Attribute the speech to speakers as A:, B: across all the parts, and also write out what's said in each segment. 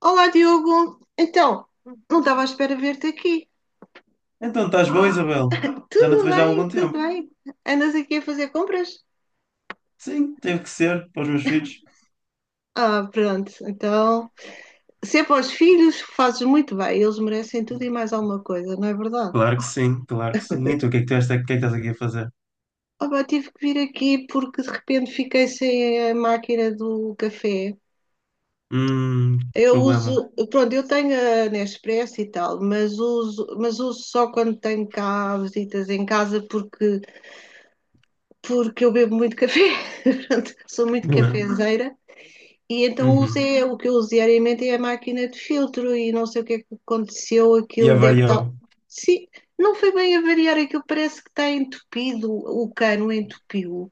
A: Olá, Diogo. Então, não estava à espera de ver-te aqui.
B: Então, estás boa, Isabel? Já não te
A: Tudo
B: vejo há
A: bem,
B: algum
A: tudo
B: tempo.
A: bem. Andas aqui a fazer compras?
B: Sim, teve que ser para os meus filhos.
A: Ah, pronto. Então, se é para os filhos, fazes muito bem. Eles merecem tudo e mais alguma coisa, não é verdade?
B: Claro que sim, claro que sim. E tu, o que é que o que é que estás aqui a fazer?
A: Ah, pá, tive que vir aqui porque de repente fiquei sem a máquina do café.
B: Hum,
A: Eu
B: problema.
A: uso, pronto, eu tenho a Nespresso e tal, mas uso, só quando tenho cá visitas em casa porque eu bebo muito café, sou muito
B: Uhum.
A: cafezeira. E então
B: Uhum.
A: usei, o que eu uso diariamente é a máquina de filtro e não sei o que é que aconteceu,
B: E
A: aquilo deve
B: avariou.
A: estar. Sim, não foi bem a variar, aquilo parece que está entupido, o cano entupiu.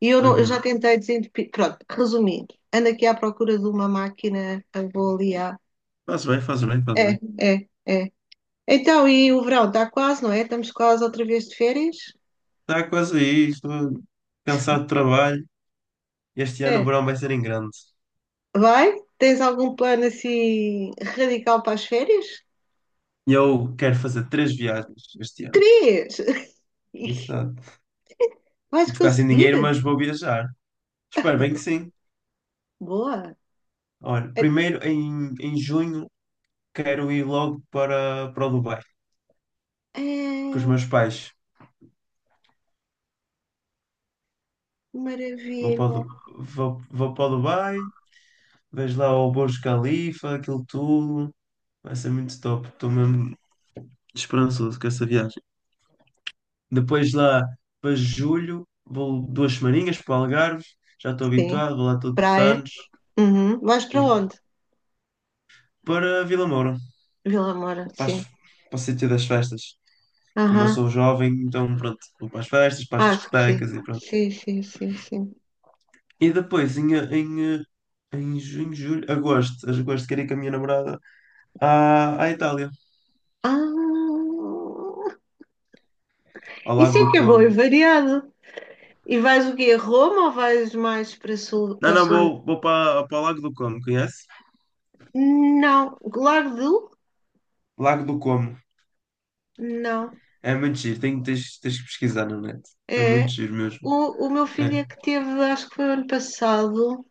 A: E eu, não, eu já
B: Uhum.
A: tentei desentupir. Pronto, resumindo, ando aqui à procura de uma máquina, vou ali à.
B: Faz bem, faz bem, faz
A: É,
B: bem.
A: é, é. Então, e o verão está quase, não é? Estamos quase outra vez de férias?
B: Está quase aí, estou cansado de trabalho. Este ano o
A: É.
B: verão vai ser em grande.
A: Vai? Tens algum plano assim radical para as férias?
B: Eu quero fazer três viagens este ano.
A: Três!
B: Exato.
A: Vais
B: Vou ficar sem
A: conseguir?
B: dinheiro, mas vou viajar. Espero bem que sim.
A: Boa!
B: Olha,
A: É,
B: primeiro em junho quero ir logo para o Dubai, com os
A: é
B: meus pais. Vou para o,
A: maravilha!
B: Du- vou, vou para o Dubai, vejo lá o Burj Khalifa, aquilo tudo. Vai ser muito top. Estou mesmo esperançoso com essa viagem. Depois lá para julho, vou duas semaninhas para o Algarve. Já estou
A: Sim,
B: habituado, vou lá todos os
A: praia.
B: anos.
A: Uhum. Vais para
B: E
A: onde?
B: para Vila Moura,
A: Vila Moura,
B: para, as-
A: sim.
B: para o sítio das festas. Como eu
A: Aham,
B: sou jovem, então pronto, vou para as festas, para as
A: acho que sim.
B: discotecas e pronto.
A: Sim, sim, sim, sim.
B: E depois, em junho, julho, agosto, queria ir com a minha namorada à Itália,
A: Ah,
B: ao
A: isso
B: Lago
A: é
B: do
A: que é bom e
B: Como.
A: variado. E vais o quê? A Roma ou vais mais
B: Não,
A: para o
B: não,
A: sul?
B: vou para o Lago do Como, conhece?
A: Não. Largo do?
B: Lago do Como.
A: Não.
B: É muito giro, tens que pesquisar na net. É
A: É,
B: muito giro mesmo.
A: o meu filho
B: É,
A: é que teve, acho que foi ano passado,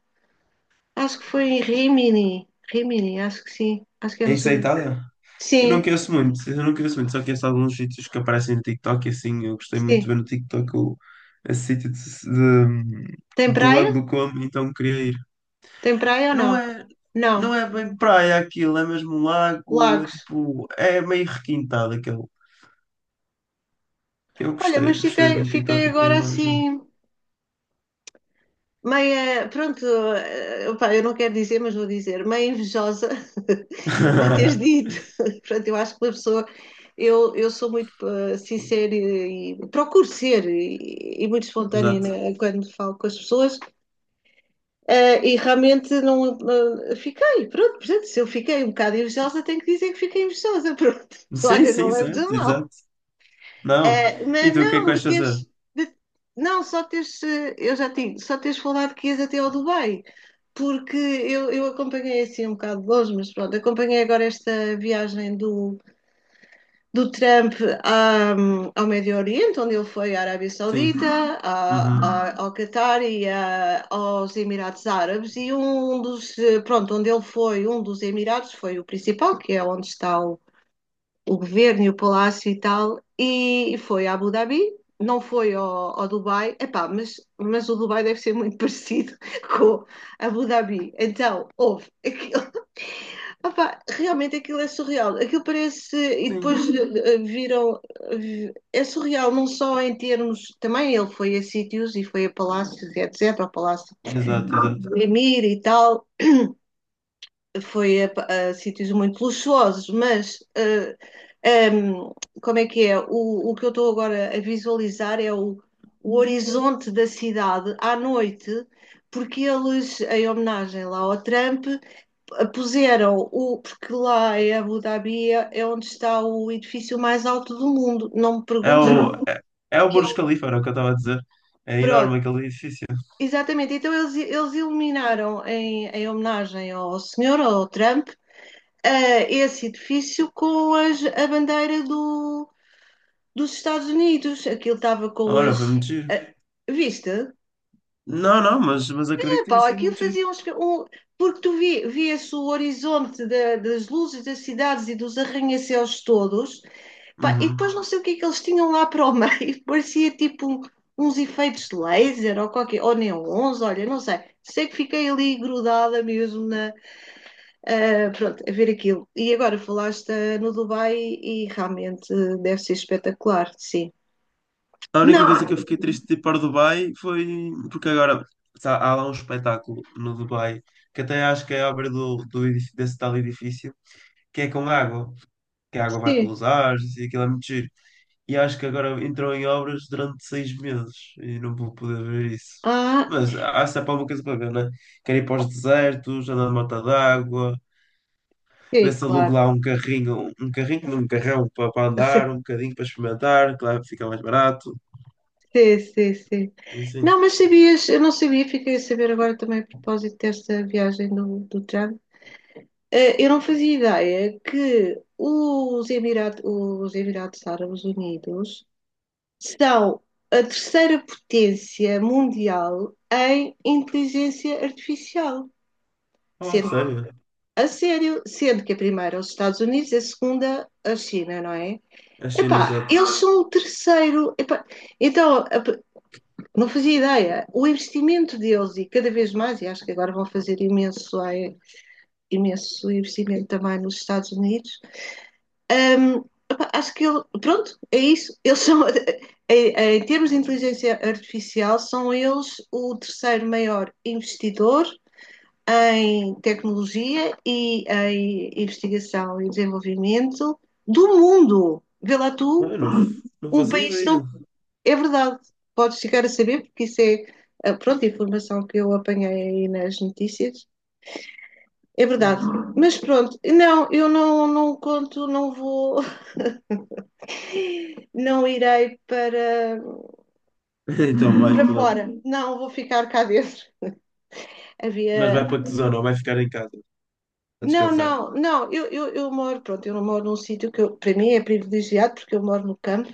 A: acho que foi em Rimini. Rimini, acho que sim. Acho que é
B: é
A: no
B: isso
A: sul.
B: é a Itália? Eu não
A: Sim,
B: conheço muito, eu não conheço muito, só conheço alguns sítios que aparecem no TikTok e assim, eu gostei muito de
A: sim.
B: ver no TikTok o, esse sítio
A: Tem
B: do Lago
A: praia?
B: do Como, então queria ir.
A: Tem praia ou
B: Não
A: não?
B: é, não
A: Não.
B: é bem praia aquilo, é mesmo um lago, é
A: Lagos.
B: tipo, é meio requintado aquele. Eu
A: Olha, mas
B: gostei, gostei de ver
A: fiquei,
B: no
A: fiquei
B: TikTok e queria
A: agora
B: ir lá ver.
A: assim, meia. Pronto, opá, eu não quero dizer, mas vou dizer, meia invejosa de teres dito. Pronto, eu acho que uma pessoa. Eu sou muito sincera e, procuro ser e muito espontânea
B: Exato.
A: né, quando falo com as pessoas. E realmente não fiquei, pronto, portanto, se eu fiquei um bocado invejosa, tenho que dizer que fiquei invejosa, pronto.
B: Sim,
A: Olha, não
B: sim,
A: leves a
B: certo,
A: mal.
B: exato. Não.
A: Eh,
B: E
A: mas
B: tu, o que é que
A: não, mas
B: vais fazer?
A: teres, de- não, só teres, eu já tinha, só teres falado que ias até ao Dubai, porque eu acompanhei assim um bocado de longe, mas pronto, acompanhei agora esta viagem do, Trump à- ao Médio Oriente, onde ele foi à Arábia
B: Sim.
A: Saudita,
B: Uhum.
A: ao Catar e aos Emirados Árabes, e um dos, pronto, onde ele foi, um dos Emirados foi o principal, que é onde está o, governo e o palácio e tal, e foi a Abu Dhabi, não foi ao, Dubai, epá, mas o Dubai deve ser muito parecido com a Abu Dhabi. Então, houve, opa, realmente aquilo é surreal. Aquilo parece. E
B: Sim.
A: depois viram. É surreal, não só em termos. Também ele foi a sítios e foi a palácios, e etc. Ao Palácio
B: Exato, exato.
A: de Emir e tal. Foi a, a sítios muito luxuosos, mas. Ehm, como é que é? O, o, que eu estou agora a visualizar é o horizonte da cidade à noite, porque eles, em homenagem lá ao Trump puseram o, porque lá em Abu Dhabi é onde está o edifício mais alto do mundo. Não me
B: É
A: perguntes
B: o, é, é o
A: que é
B: Burj
A: o.
B: Khalifa, era o que eu estava a dizer. É
A: Pronto,
B: enorme aquele edifício.
A: exatamente. Então eles, iluminaram em homenagem ao senhor, ao Trump, esse edifício com a bandeira dos Estados Unidos. Aquilo estava com
B: Ora,
A: as.
B: foi muito giro.
A: eh, viste?
B: Não, não, mas acredito que tenha
A: Epá,
B: sido
A: aquilo
B: muito giro.
A: fazia uns. Um, porque tu via-se o horizonte das luzes das cidades e dos arranha-céus todos. Pá, e depois
B: Uhum.
A: não sei o que é que eles tinham lá para o meio, parecia tipo uns efeitos de laser ou qualquer, ou neons, olha, não sei. Sei que fiquei ali grudada mesmo na, pronto, a ver aquilo. E agora falaste no Dubai e realmente deve ser espetacular, sim.
B: A única coisa que
A: Não!
B: eu fiquei triste de ir para o Dubai foi porque agora há lá um espetáculo no Dubai que até acho que é obra do desse tal edifício que é com água, que a água vai
A: Sim.
B: pelos ares e aquilo é muito giro. E acho que agora entrou em obras durante 6 meses e não vou poder ver isso.
A: Ah,
B: Mas há sempre alguma coisa para ver, né? Quero ir para os desertos, andar na mata d'água, ver
A: sim,
B: se alugo
A: claro.
B: lá um carrinho, não, um carrão para andar, um bocadinho para experimentar, claro que fica mais barato.
A: Sim, sim, sim.
B: E sim.
A: Não, mas sabias, eu não sabia, fiquei a saber agora também a propósito desta viagem do Trump. Eu não fazia ideia que os Emirados Árabes Unidos são a terceira potência mundial em inteligência artificial.
B: Oh,
A: Sendo,
B: sério?
A: a sério, sendo que a primeira é os Estados Unidos e a segunda a China, não é?
B: A China,
A: Epá,
B: exato.
A: eles são o terceiro. Epá, então, não fazia ideia. O investimento deles, e cada vez mais, e acho que agora vão fazer imenso, imenso investimento também nos Estados Unidos acho que ele, pronto, é isso. Eles são, em, termos de inteligência artificial, são eles o terceiro maior investidor em tecnologia e em investigação e desenvolvimento do mundo. Vê lá
B: Ah,
A: tu,
B: Eu não, não
A: um
B: fazia
A: país
B: ideia.
A: não. É verdade, podes chegar a saber, porque isso é pronto, a informação que eu apanhei aí nas notícias. É verdade.
B: Ah.
A: Mas pronto, não, eu não, não conto, não vou, não irei para
B: Então vais
A: para
B: para onde?
A: fora. Não, vou ficar cá dentro.
B: Mas
A: Havia.
B: vai para que zona? Ou vai ficar em casa a
A: Não,
B: descansar?
A: não, não. Eu moro, pronto, eu moro num sítio que eu, para mim é privilegiado porque eu moro no campo.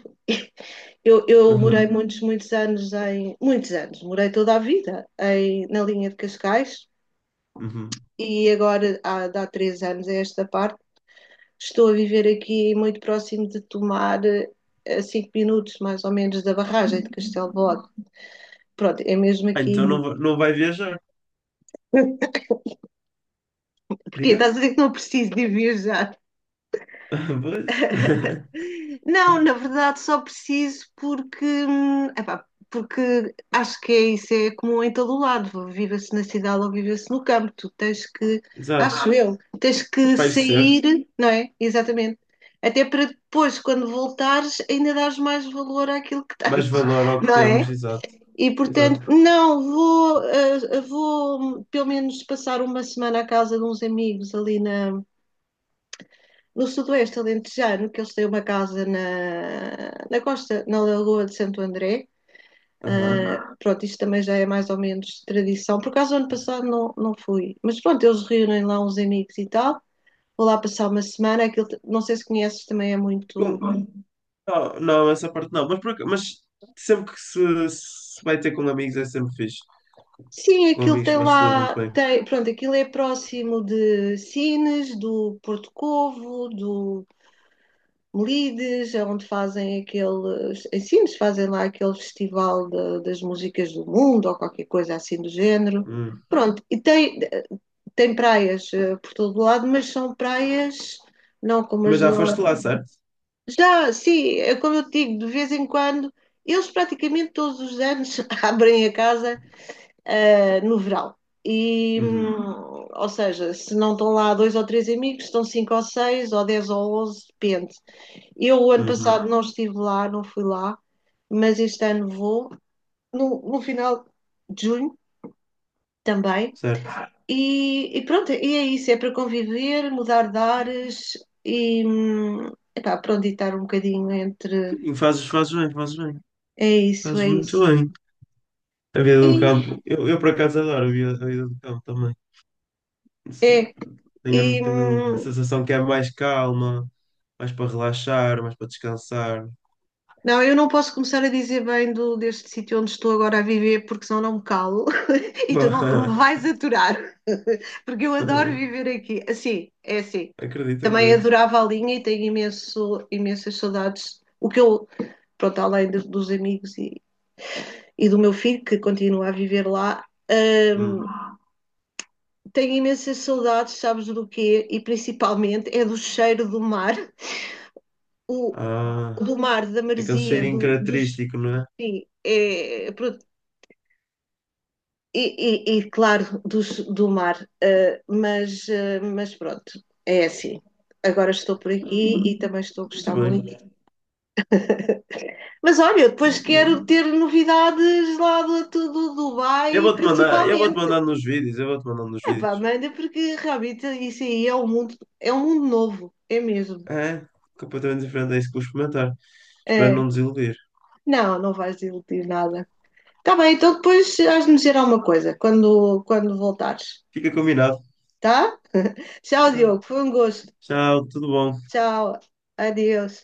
A: Eu
B: Aham.
A: morei muitos, muitos anos em. Muitos anos, morei toda a vida em, na linha de Cascais
B: Uhum.
A: e agora, há 3 anos a esta parte, estou a viver aqui muito próximo de tomar a 5 minutos mais ou menos da barragem de Castelo de Bode. Pronto, é mesmo
B: Ah, então não,
A: aqui.
B: não vai viajar?
A: Porquê?
B: Diga?
A: Estás a dizer que não preciso de viajar?
B: Pois.
A: Não, na verdade só preciso porque, epá, porque acho que é isso, é comum em todo o lado, viva-se na cidade ou viva-se no campo, tu tens que,
B: Exato.
A: acho eu, tens que
B: Espairecer,
A: sair, não é? Exatamente. Até para depois, quando voltares, ainda dares mais valor àquilo que tens,
B: mais valor ao que
A: não
B: temos,
A: é?
B: exato.
A: E portanto,
B: Exato.
A: não, vou pelo menos passar uma semana à casa de uns amigos ali no sudoeste alentejano, que eles têm uma casa na, costa, na Lagoa de Santo André.
B: Aham.
A: Ah, pronto, isto também já é mais ou menos tradição. Por acaso, ano passado não, não fui, mas pronto, eles reúnem lá uns amigos e tal. Vou lá passar uma semana. Aquilo, não sei se conheces, também é muito.
B: Com- Não, não, essa parte não, mas, mas sempre que se vai ter com amigos é sempre fixe.
A: Sim,
B: Com
A: aquilo
B: amigos
A: tem
B: faz tudo muito
A: lá.
B: bem.
A: Tem, pronto, aquilo é próximo de Sines, do Porto Covo, do Lides, é onde fazem aqueles em ensinos, fazem lá aquele festival das músicas do mundo ou qualquer coisa assim do género.
B: Hum.
A: Pronto, e tem, praias por todo lado, mas são praias não como
B: Mas
A: as
B: já
A: do.
B: foste lá,
A: Lado.
B: certo?
A: Já, sim, é como eu te digo, de vez em quando, eles praticamente todos os anos abrem a casa no verão. E,
B: Uhum,
A: ou seja, se não estão lá dois ou três amigos, estão cinco ou seis, ou 10 ou 11, depende. Eu, o ano
B: uhum,
A: passado, não estive lá, não fui lá, mas este ano vou, no, final de junho também.
B: certo.
A: E pronto, e é isso: é para conviver, mudar de ares e, epá, pronto, e estar um bocadinho entre.
B: E fazes, fazes bem, fazes bem.
A: É isso,
B: Fazes
A: é
B: muito
A: isso.
B: bem. A vida
A: E,
B: do campo. Eu por acaso adoro a vida do campo também. Se-
A: é, e,
B: tenho, tenho a sensação que é mais calma, mais para relaxar, mais para descansar.
A: não, eu não posso começar a dizer bem deste sítio onde estou agora a viver, porque senão não me calo. E tu não, tu me vais aturar, porque eu adoro viver aqui. Assim, é assim.
B: Acredito,
A: Também
B: acredito.
A: adorava a linha e tenho imenso, imensas saudades. O que eu, pronto, além dos amigos e, do meu filho, que continua a viver lá,
B: Hum.
A: tenho imensas saudades, sabes do quê? E principalmente é do cheiro do mar, o,
B: Ah,
A: do mar, da
B: aquele
A: maresia,
B: cheirinho
A: dos.
B: característico, não é?
A: Sim, é, e, claro, do mar, mas, mas pronto, é assim. Agora estou por
B: Hum,
A: aqui e também estou a
B: muito
A: gostar
B: bem,
A: muito. Mas olha, depois
B: muito bem.
A: quero ter novidades lá do Dubai,
B: Eu vou-te
A: principalmente.
B: mandar nos vídeos, eu vou-te mandar nos
A: Epá,
B: vídeos.
A: manda, porque realmente isso aí é um mundo novo, é mesmo.
B: É, completamente diferente é isso que vou experimentar. Espero
A: É.
B: não desiludir.
A: Não, não vais desiludir nada. Tá bem, então depois has de me dizer alguma coisa quando, voltares,
B: Fica combinado.
A: tá? Tchau,
B: Tá.
A: Diogo, foi um gosto.
B: Tchau, tudo bom?
A: Tchau, adeus.